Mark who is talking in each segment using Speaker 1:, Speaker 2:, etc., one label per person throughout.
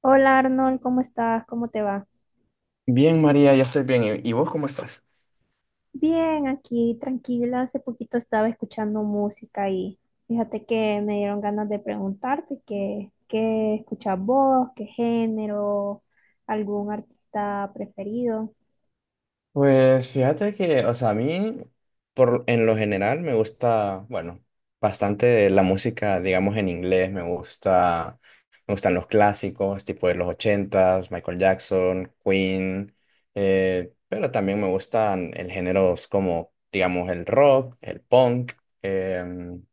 Speaker 1: Hola, Arnold, ¿cómo estás? ¿Cómo te va?
Speaker 2: Bien, María, yo estoy bien. ¿Y vos cómo estás?
Speaker 1: Bien, aquí tranquila. Hace poquito estaba escuchando música y fíjate que me dieron ganas de preguntarte qué escuchas vos, qué género, algún artista preferido.
Speaker 2: Pues fíjate que, o sea, a mí, en lo general, me gusta, bueno, bastante la música, digamos, en inglés. Me gustan los clásicos, tipo de los ochentas, Michael Jackson, Queen, pero también me gustan el géneros como, digamos, el rock, el punk. em,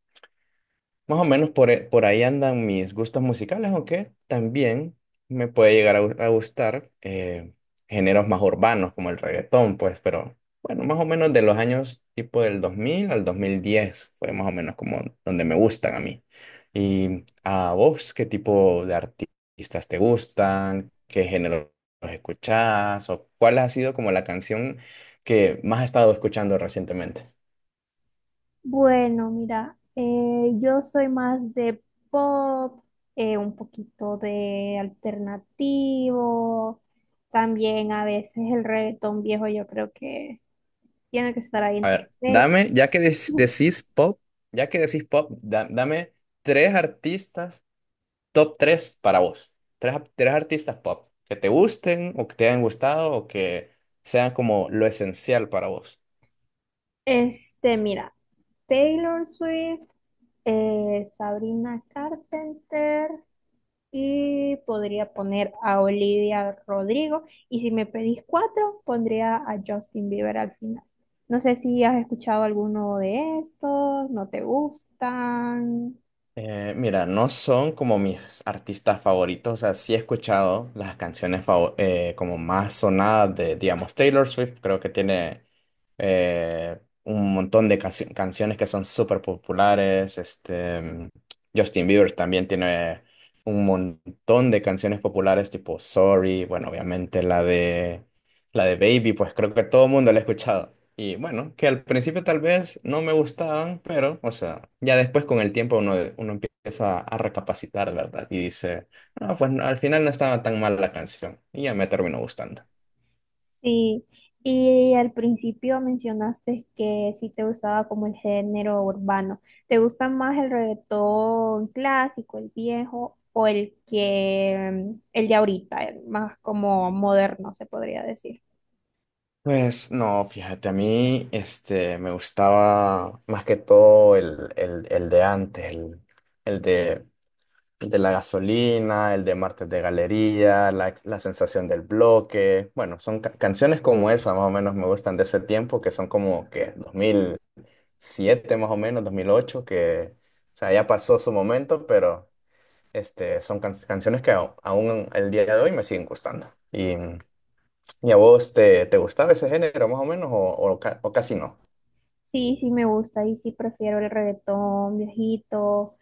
Speaker 2: Más o menos por ahí andan mis gustos musicales, aunque también me puede llegar a gustar, géneros más urbanos como el reggaetón, pues, pero bueno, más o menos de los años tipo del 2000 al 2010 fue más o menos como donde me gustan a mí. ¿Y a vos qué tipo de artistas te gustan? ¿Qué géneros escuchás? ¿O cuál ha sido como la canción que más has estado escuchando recientemente?
Speaker 1: Bueno, mira, yo soy más de pop, un poquito de alternativo, también a veces el reggaetón viejo yo creo que tiene que estar ahí en
Speaker 2: A
Speaker 1: tu
Speaker 2: ver,
Speaker 1: play.
Speaker 2: dame, ya que decís pop, dame tres artistas, top tres para vos. Tres artistas pop que te gusten o que te hayan gustado o que sean como lo esencial para vos.
Speaker 1: Este, mira, Taylor Swift, Sabrina Carpenter y podría poner a Olivia Rodrigo. Y si me pedís cuatro, pondría a Justin Bieber al final. No sé si has escuchado alguno de estos, no te gustan.
Speaker 2: Mira, no son como mis artistas favoritos, o sea, sí he escuchado las canciones como más sonadas de, digamos, Taylor Swift. Creo que tiene un montón de canciones que son súper populares. Justin Bieber también tiene un montón de canciones populares tipo Sorry. Bueno, obviamente la de Baby, pues creo que todo el mundo la ha escuchado. Y bueno, que al principio tal vez no me gustaban, pero, o sea, ya después con el tiempo uno empieza a recapacitar, ¿verdad? Y dice, no, pues no, al final no estaba tan mal la canción. Y ya me terminó gustando.
Speaker 1: Sí, y al principio mencionaste que sí te gustaba como el género urbano. ¿Te gusta más el reggaetón clásico, el viejo, o el de ahorita, el más como moderno, se podría decir?
Speaker 2: Pues no, fíjate, a mí me gustaba más que todo el de antes, el de El de la Gasolina, el de Martes de Galería, la sensación del bloque. Bueno, son canciones como esa, más o menos me gustan de ese tiempo, que son como que 2007 más o menos, 2008, que, o sea, ya pasó su momento, pero son canciones que aún el día de hoy me siguen gustando. ¿Y a vos te gustaba ese género, más o menos, o casi no?
Speaker 1: Sí, sí me gusta y sí prefiero el reggaetón viejito,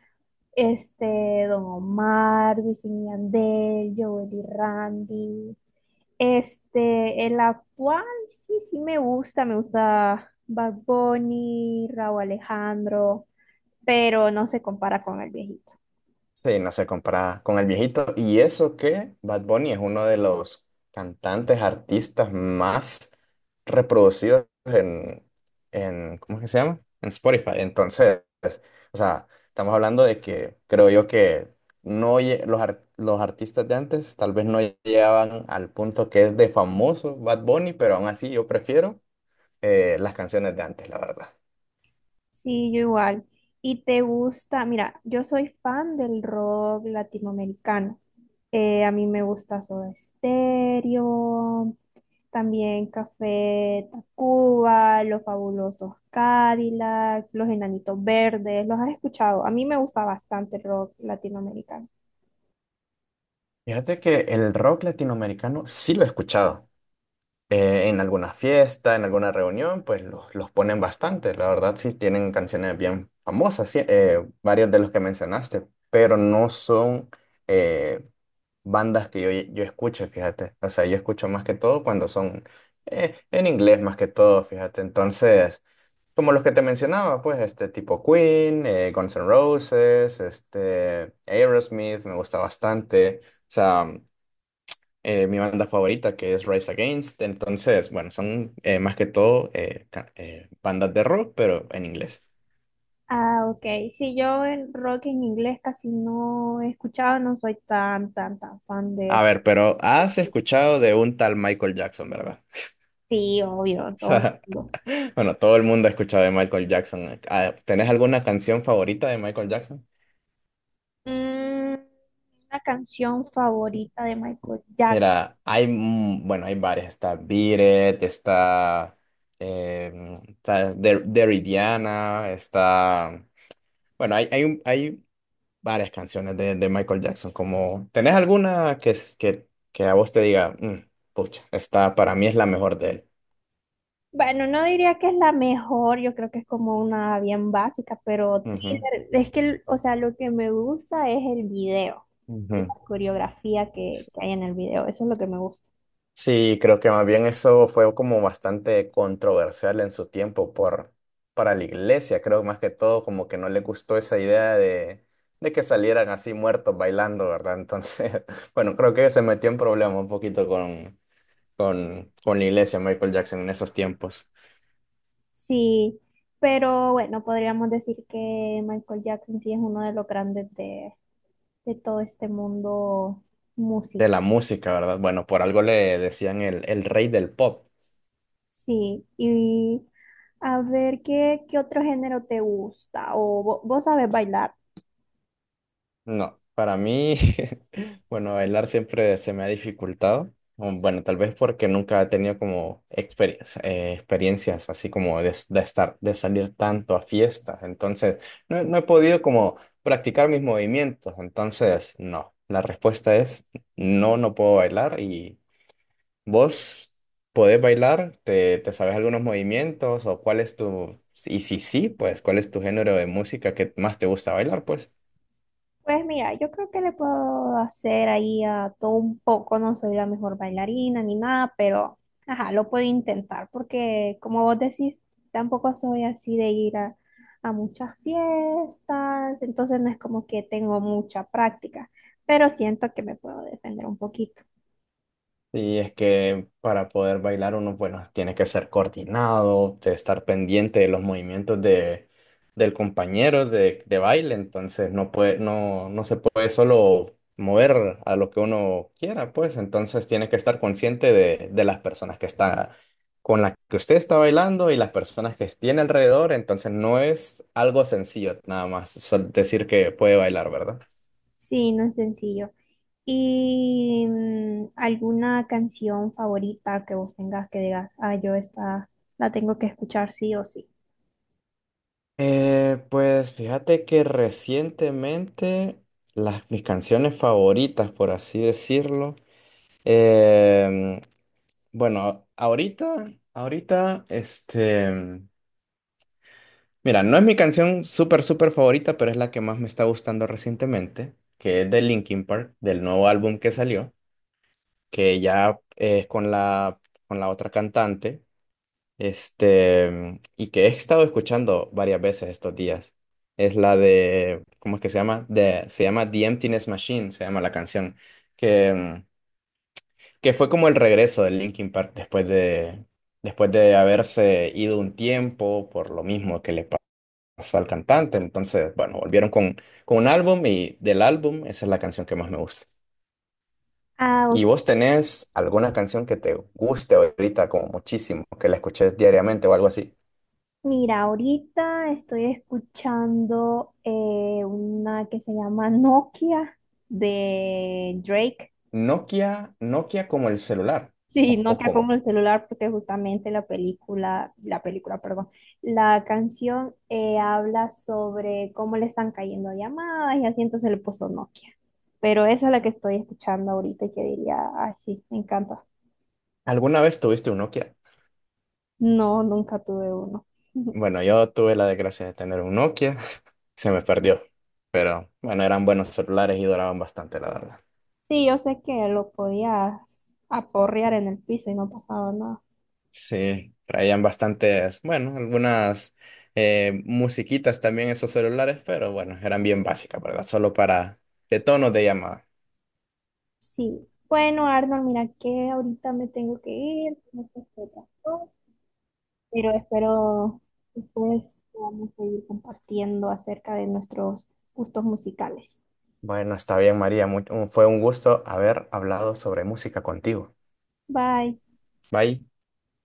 Speaker 1: este, Don Omar, Wisin y Yandel, Joel y Randy. Este, el actual sí, sí me gusta Bad Bunny, Rauw Alejandro, pero no se compara con el viejito.
Speaker 2: Sí, no se compara con el viejito. Y eso que Bad Bunny es uno de los cantantes, artistas más reproducidos ¿cómo es que se llama? En Spotify. Entonces, o sea, estamos hablando de que creo yo que no lle- los artistas de antes tal vez no llegaban al punto que es de famoso Bad Bunny, pero aún así yo prefiero las canciones de antes, la verdad.
Speaker 1: Sí, yo igual. ¿Y te gusta? Mira, yo soy fan del rock latinoamericano. A mí me gusta Soda Stereo, también Café Tacuba, Los Fabulosos Cadillacs, Los Enanitos Verdes. ¿Los has escuchado? A mí me gusta bastante el rock latinoamericano.
Speaker 2: Fíjate que el rock latinoamericano sí lo he escuchado, en alguna fiesta, en alguna reunión, pues los ponen bastante. La verdad, sí tienen canciones bien famosas, sí, varios de los que mencionaste, pero no son eh, bandas que yo escuche, fíjate. O sea, yo escucho más que todo cuando son en inglés, más que todo, fíjate. Entonces, como los que te mencionaba, pues este tipo Queen, Guns N' Roses, este Aerosmith, me gusta bastante. O sea, mi banda favorita, que es Rise Against. Entonces, bueno, son más que todo bandas de rock, pero en inglés.
Speaker 1: Ah, ok. Sí, yo el rock en inglés casi no he escuchado, no soy tan fan
Speaker 2: A
Speaker 1: de...
Speaker 2: ver, pero has escuchado de un tal Michael Jackson, ¿verdad?
Speaker 1: Sí, obvio, todo.
Speaker 2: Bueno, todo el mundo ha escuchado de Michael Jackson. Ah, ¿tenés alguna canción favorita de Michael Jackson?
Speaker 1: Mm, una canción favorita de Michael Jackson.
Speaker 2: Mira, hay, bueno, hay varias. Está Beat It, está, eh, está Dirty, está... Bueno, hay varias canciones de Michael Jackson. Como, ¿tenés alguna que a vos te diga, "Mm, pucha, esta para mí es la mejor de él"?
Speaker 1: Bueno, no diría que es la mejor, yo creo que es como una bien básica, pero
Speaker 2: Ujú,
Speaker 1: Thriller, es que, o sea, lo que me gusta es el video y la
Speaker 2: ujú.
Speaker 1: coreografía
Speaker 2: S-
Speaker 1: que hay en el video, eso es lo que me gusta.
Speaker 2: Sí, creo que más bien eso fue como bastante controversial en su tiempo para la iglesia. Creo más que todo como que no le gustó esa idea de que salieran así muertos bailando, ¿verdad? Entonces, bueno, creo que se metió en problemas un poquito con la iglesia Michael Jackson en esos tiempos.
Speaker 1: Sí, pero bueno, podríamos decir que Michael Jackson sí es uno de los grandes de todo este mundo
Speaker 2: De
Speaker 1: musical.
Speaker 2: la música, ¿verdad? Bueno, por algo le decían el rey del pop.
Speaker 1: Sí, y a ver, ¿qué otro género te gusta? ¿O vos sabes bailar?
Speaker 2: No, para mí, bueno, bailar siempre se me ha dificultado. Bueno, tal vez porque nunca he tenido como experiencias así como de estar, de salir tanto a fiestas. Entonces, no, no he podido como practicar mis movimientos. Entonces, no, la respuesta es no, no puedo bailar. ¿Y vos podés bailar? Te sabes algunos movimientos? ¿O cuál es tu...? Y si sí, pues, ¿cuál es tu género de música que más te gusta bailar, pues?
Speaker 1: Pues mira, yo creo que le puedo hacer ahí a todo un poco, no soy la mejor bailarina ni nada, pero ajá, lo puedo intentar porque como vos decís, tampoco soy así de ir a muchas fiestas, entonces no es como que tengo mucha práctica, pero siento que me puedo defender un poquito.
Speaker 2: Y es que para poder bailar uno, bueno, tiene que ser coordinado, de estar pendiente de los movimientos del compañero de baile. Entonces no, no se puede solo mover a lo que uno quiera, pues entonces tiene que estar consciente de las personas que está, con las que usted está bailando y las personas que tiene alrededor. Entonces no es algo sencillo nada más decir que puede bailar, ¿verdad?
Speaker 1: Sí, no es sencillo. ¿Y mm, alguna canción favorita que vos tengas que digas, ah, yo esta la tengo que escuchar sí o sí?
Speaker 2: Pues fíjate que recientemente mis canciones favoritas, por así decirlo, em, bueno, mira, no es mi canción súper, súper favorita, pero es la que más me está gustando recientemente, que es de Linkin Park, del nuevo álbum que salió, que ya es con la otra cantante. Y que he estado escuchando varias veces estos días. Es la de, ¿cómo es que se llama? De, se llama The Emptiness Machine, se llama la canción, que, mm, que fue como el regreso de Linkin Park después de haberse ido un tiempo por lo mismo que le pasó al cantante. Entonces, bueno, volvieron con un álbum, y del álbum esa es la canción que más me gusta.
Speaker 1: Ah, ok.
Speaker 2: ¿Y vos tenés alguna canción que te guste ahorita como muchísimo, que la escuches diariamente o algo así?
Speaker 1: Mira, ahorita estoy escuchando una que se llama Nokia de Drake.
Speaker 2: ¿Nokia, Nokia como el celular,
Speaker 1: Sí,
Speaker 2: o
Speaker 1: Nokia como
Speaker 2: cómo?
Speaker 1: el celular, porque justamente perdón, la canción habla sobre cómo le están cayendo llamadas y así, entonces le puso Nokia. Pero esa es la que estoy escuchando ahorita y que diría, ay, sí, me encanta.
Speaker 2: ¿Alguna vez tuviste un Nokia?
Speaker 1: No, nunca tuve uno.
Speaker 2: Bueno, yo tuve la desgracia de tener un Nokia, se me perdió, pero bueno, eran buenos celulares y duraban bastante, la verdad.
Speaker 1: Sí, yo sé que lo podías aporrear en el piso y no pasaba nada.
Speaker 2: Sí, traían bastantes, bueno, algunas musiquitas también esos celulares, pero bueno, eran bien básicas, ¿verdad? Solo para de tonos de llamada.
Speaker 1: Sí. Bueno, Arnold, mira que ahorita me tengo que ir, tengo que hacer otras, pero espero después podamos seguir compartiendo acerca de nuestros gustos musicales.
Speaker 2: Bueno, está bien, María, fue un gusto haber hablado sobre música contigo.
Speaker 1: Bye.
Speaker 2: Bye.